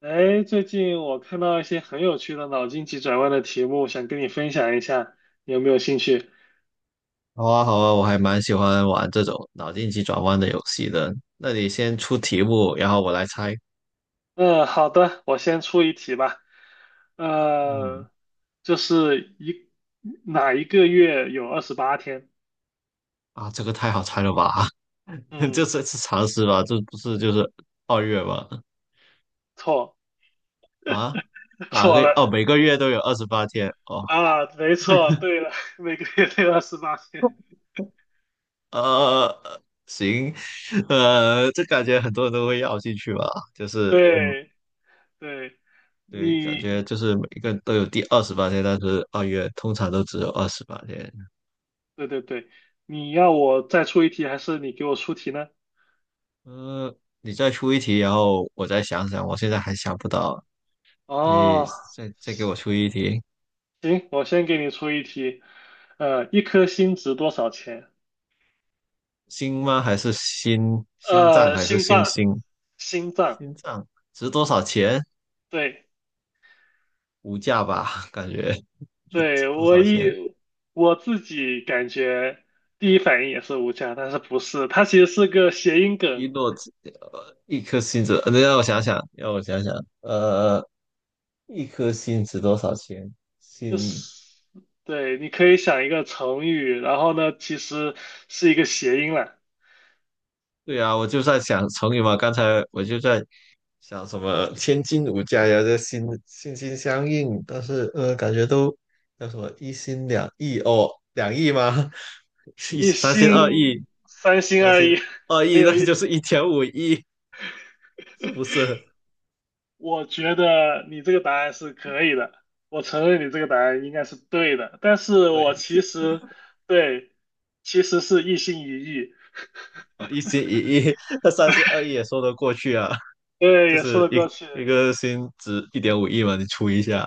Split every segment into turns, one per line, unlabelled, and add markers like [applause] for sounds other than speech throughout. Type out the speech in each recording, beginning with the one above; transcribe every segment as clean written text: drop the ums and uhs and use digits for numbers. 哎，最近我看到一些很有趣的脑筋急转弯的题目，想跟你分享一下，你有没有兴趣？
好啊，好啊，我还蛮喜欢玩这种脑筋急转弯的游戏的。那你先出题目，然后我来猜。
嗯，好的，我先出一题吧。
嗯。
呃，就是哪一个月有二十八天？
啊，这个太好猜了吧？[laughs] 这
嗯，
是是常识吧？这不是二月吗？
错，
啊，哪
错
个？
了
哦，每个月都有二十八天。哦。
啊，没错，对了，[laughs] 每个月都有28天。
呃，行。[laughs] 这感觉很多人都会要进去吧？就是，嗯，
对对，
对，感
你
觉就是每个人都有第二十八天，但是二月通常都只有二十八天。
对对对，你要我再出一题，还是你给我出题呢？
呃，你再出一题，然后我再想想，我现在还想不到。你
哦，
再再给我出一题。
行，我先给你出一题，一颗心值多少钱？
心吗？还是心？心脏
呃，
还是
心
星
脏，
星？
心脏，
心脏值多少钱？
对
无价吧，[laughs] 感觉值
对，
多少钱？
我自己感觉第一反应也是无价，但是不是，它其实是个谐音梗，
一颗心子，让我想想，让我想想。呃，一颗心值多少钱？
就
心。
是对，你可以想一个成语，然后呢，其实是一个谐音啦，
对啊，我就在想成语嘛，刚才我就在像什么千金无价呀，这心相印，但是感觉都叫什么一心两意哦，两意吗？[laughs] 是
一
三心二意。
心三心
三
二
心
意，[laughs]
二
没
意那
有意
就
思。
是一点五亿，是不是？
我觉得你这个答案是可以的，我承认你这个答案应该是对的，但是我其
对。
实对，其实是一心一意，
哦，一心一意。[laughs] 那三心二意也说得过去啊。
对，
就
也
是
说得
一
过去，
一个心值一点五亿嘛，你除一下。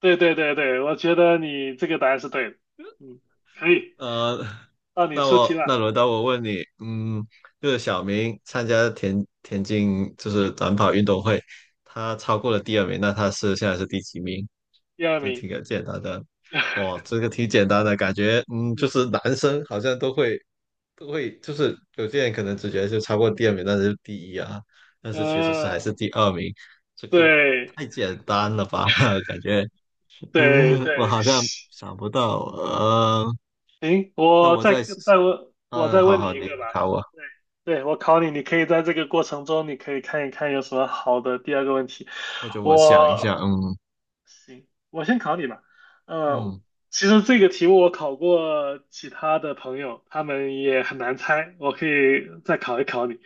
对对对对，我觉得你这个答案是对的，嗯，可以，
呃，[laughs]
到你
那
出题
我
了，
那轮到我问你，嗯，就是小明参加田径就是短跑运动会，他超过了第二名，那他现在是第几名？
第二
就
名，
挺简单的。哦，这个挺简单的感觉。嗯，就
[laughs]
是男生好像都会，就是有些人可能直接就超过第二名，但是第一啊，但是其实是
嗯，
还是第二名。这个
对
太简单了吧？[laughs] 感觉。
对
我
对，[laughs]
好像想不到。呃，
行，
那我再
我
嗯，
再
好
问你
好，
一
你
个
你
吧。
考我。
对，对，我考你，你可以在这个过程中，你可以看一看有什么好的第二个问题。
或者我想一下。
我
嗯。
行，我先考你吧。呃，
嗯，
其实这个题目我考过其他的朋友，他们也很难猜，我可以再考一考你。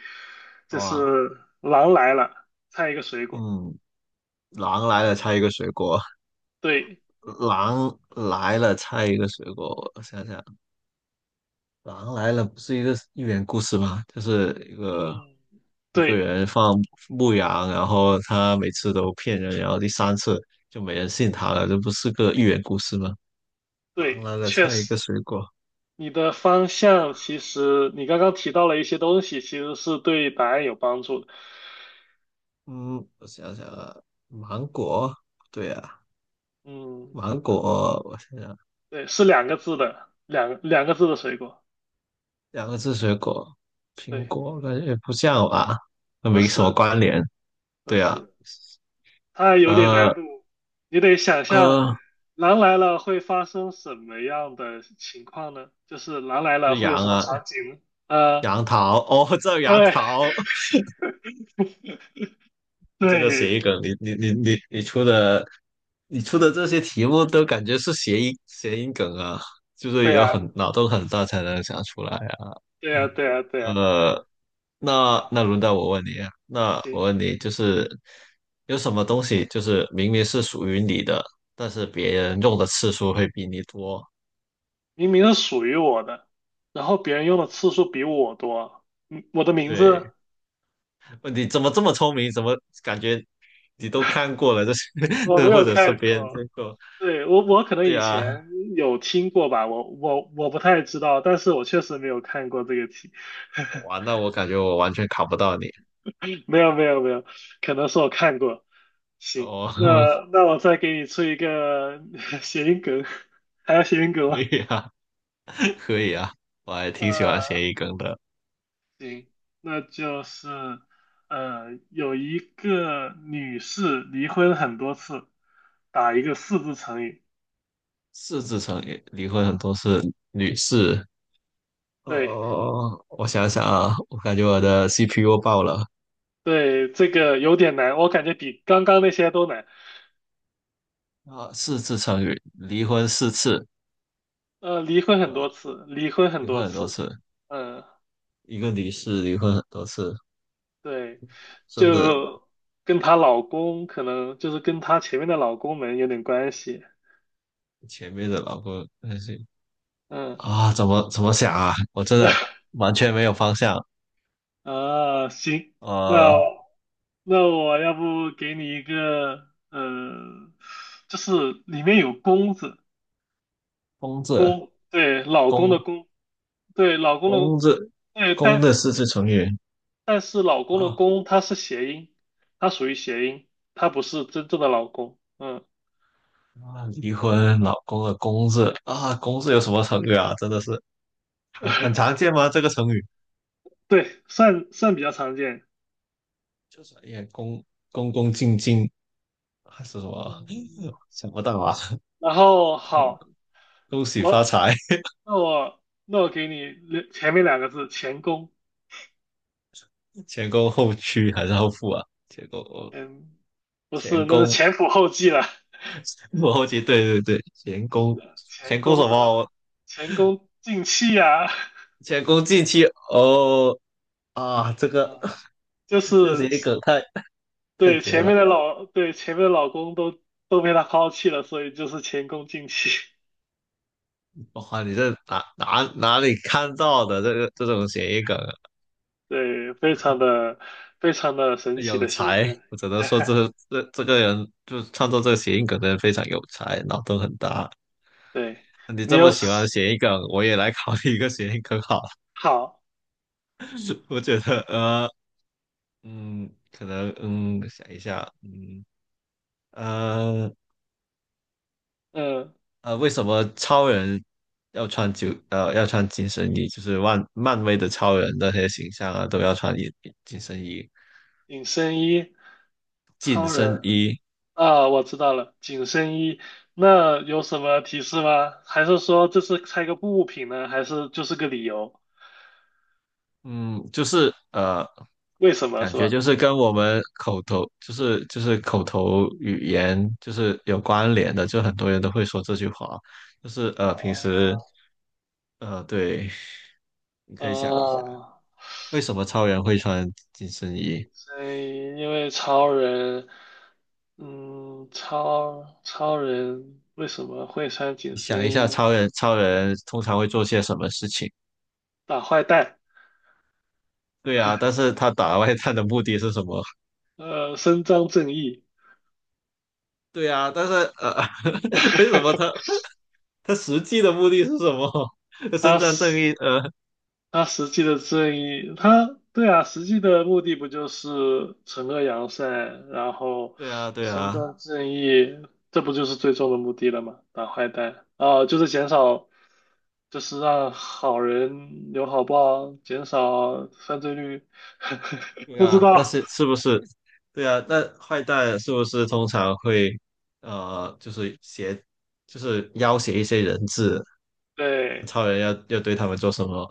好
就
吧。
是狼来了，猜一个水果。
嗯，狼来了，猜一个水果。
对，
狼来了，猜一个水果，我想想。狼来了不是一个寓言故事吗？
嗯，
一个
对
人放牧羊，然后他每次都骗人，然后第三次就没人信他了，这不是个寓言故事吗？狼
对，
来了，
确
猜一
实。
个水果。
你的方向其实你刚刚提到了一些东西，其实是对答案有帮助的。
嗯，我想想啊，芒果，对啊，
嗯，
芒果，我想想。
对，是两个字的，两个字的水果。
两个字水果，苹
对，
果感觉不像吧，那
不
没什么
是，
关联。
不
对啊。
是，它有点
呃
难度，你得想象
呃，
狼来了会发生什么样的情况呢？就是狼来了
是
会有
杨
什么
啊，
场景呢？呃，
杨桃哦，这杨
对，
桃。
[laughs]
这个谐
对，
音梗，你出的，你出的这些题目都感觉是谐音梗啊，就是
对
有
啊，
很脑洞很大才能想出来啊。
对啊，对啊，对啊。
呃，那
好，
那轮到我问你啊，那我
行。
问你，就是有什么东西，就是明明是属于你的，但是别人用的次数会比你多？
明明是属于我的，然后别人用的次数比我多。嗯我的名
对，
字
问你怎么这么聪明？怎么感觉你都看过了？这是，[laughs]
我没
这或
有
者是
看
别人
过，
看过？
对，我可能
对
以
啊，
前有听过吧，我不太知道，但是我确实没有看过这个题。[laughs]
哇，那我感觉我完全考不到你。
没有没有没有，可能是我看过。行，
哦。
那
[laughs]
那我再给你出一个 [laughs] 谐音梗，[laughs] 还要谐音梗
可
吗？
以啊，可以啊，我还挺喜欢
呃。
谐音梗的。
行，那就是有一个女士离婚很多次，打一个四字成语。
四字成语，离婚很多是女士。哦，哦
对
哦哦我想想啊，我感觉我的 CPU 爆了。
对，这个有点难，我感觉比刚刚那些都难。
啊，四字成语，离婚四次。
离婚很
呃，
多次，离婚很
离
多
婚很多
次。
次。
嗯，
一个离世，离婚很多次，
对，
真的。
就跟她老公可能就是跟她前面的老公们有点关系。
前面的老公那些
嗯，
啊，怎么想啊？我真的
[laughs]
完全没有方向。
啊，行，那。
呃，
那我要不给你一个，就是里面有公字，
公字。
公，对，老公的
公
公，对，老公的，
公字，
对，
公
但
的四字成语
但是老公的
啊。
公它是谐音，它属于谐音，它不是真正的老公，嗯，
啊，离婚，老公的公字啊，公字有什么成语啊？真的是很常
[laughs]
见吗？这个成语？
对，算算比较常见。
就是也恭恭恭敬敬，还是什么？
嗯，
[laughs] 想不到啊！
然后好，
恭喜发
我
财。
那我我给你前面两个字，前功，
前恭后趋还是后富啊？
嗯，不是，
前
那是
恭，
前仆后继了，[laughs]
我后期对，前
前
恭
功
什
什么呢
么？
前功尽弃啊，
前恭近期。哦啊，
啊，[laughs] 就
这个
是
谐音梗太绝了！
对前面的老公都被他抛弃了，所以就是前功尽弃。
哇，你这哪里看到的这个这种谐音梗啊。
[laughs] 对，非常的神奇
有
的谐音
才，
梗。
我只能说
[laughs]
这这个人就是创作这个谐音梗的人非常有才，脑洞很大。
对，
你
你
这么
有什
喜
么
欢谐音梗，我也来考虑一个谐音梗好了。
好，
[laughs] 我觉得，可能，想一下呃，
嗯，
为什么超人要穿紧身衣？就是漫威的超人那些形象啊，都要穿紧身衣，
紧身衣，
紧
超
身
人
衣。
啊，我知道了，紧身衣。那有什么提示吗？还是说这是猜个物品呢？还是就是个理由？
嗯，就是呃，
为什么
感
是
觉就
吧？
是跟我们口头，就是口头语言，就是有关联的，就很多人都会说这句话。就是平时
哦，
对，你可以想一下，
啊，
为什么超人会穿紧身衣？
所以因为超人，嗯，超人为什么会穿紧
你想一
身
下，
衣
超人通常会做些什么事情？
打坏蛋？
对啊，但是他打外探的目的是什么？
伸张正义，
对啊，但是呃，[laughs] 为什么他
[laughs]
他实际的目的是什么？[laughs] 伸
他
张正
实
义？
他实际的正义，他对啊，实际的目的不就是惩恶扬善，然后
对啊，对
伸
啊，
张正义，这不就是最终的目的了吗？打坏蛋啊，就是减少就是让好人有好报，减少犯罪率。[laughs]
对
不知
啊，那
道，
是是不是？对啊，那坏蛋是不是通常会呃，就是挟，就是要挟一些人质？
对，
超人要对他们做什么？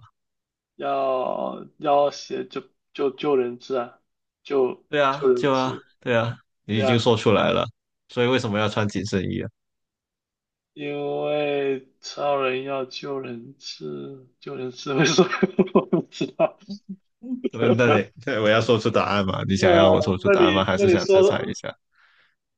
要写就救人质啊，救
对啊，
救人
就啊，
质。
对啊，你已
对
经
啊，
说出来了，所以为什么要穿紧身衣啊？
因为超人要救人质，救人质，[laughs] 为什么 [laughs] 我不知道？
对，那你，
[laughs]
对，我要说出答案嘛？你
那
想要我说出
那
答案吗？
你
还
那
是
你
想再
说的，
猜一下？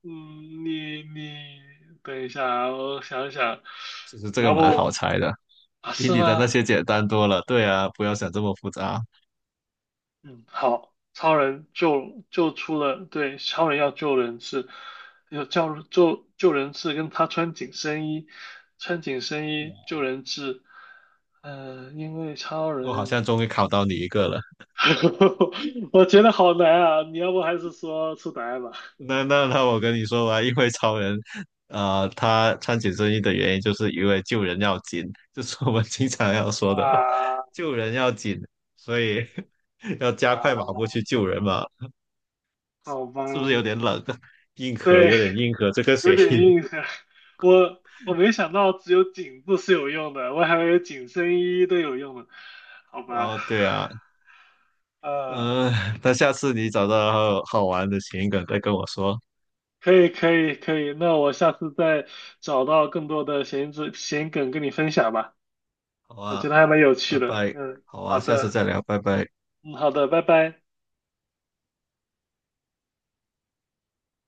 嗯，你等一下啊，我想一想，
其实这
你
个
要
蛮好
不
猜的，
啊
比
是
你的那
吗？
些简单多了。对啊，不要想这么复杂。
嗯，好，超人救出了，对，超人要救人质，要叫救人质，跟他穿紧身衣，穿紧身衣救人质，嗯、因为超
我好像
人，
终于考到你一个了。
[laughs] 我觉得好难啊，你要不还是说出答案吧？
那我跟你说吧，因为超人他穿紧身衣的原因就是因为救人要紧，就是我们经常要说的，
啊
救人要紧，所以 [laughs] 要加
啊，
快马步去救人嘛。
好吧，
是不是有点冷？[laughs] 硬核
对，
这个
有
谐
点
音。
印象，我没想到只有颈部是有用的，我还以为紧身衣都有用的，好
[laughs]
吧，
哦，对啊。
呃。
嗯、那下次你找到好玩的谐音梗再跟我说。
可以可以可以，那我下次再找到更多的闲梗跟你分享吧，
好
我觉得
啊，
还蛮有趣
拜
的。
拜。
嗯，
好
好
啊，下次
的，
再聊，拜拜。
嗯，好的，拜拜。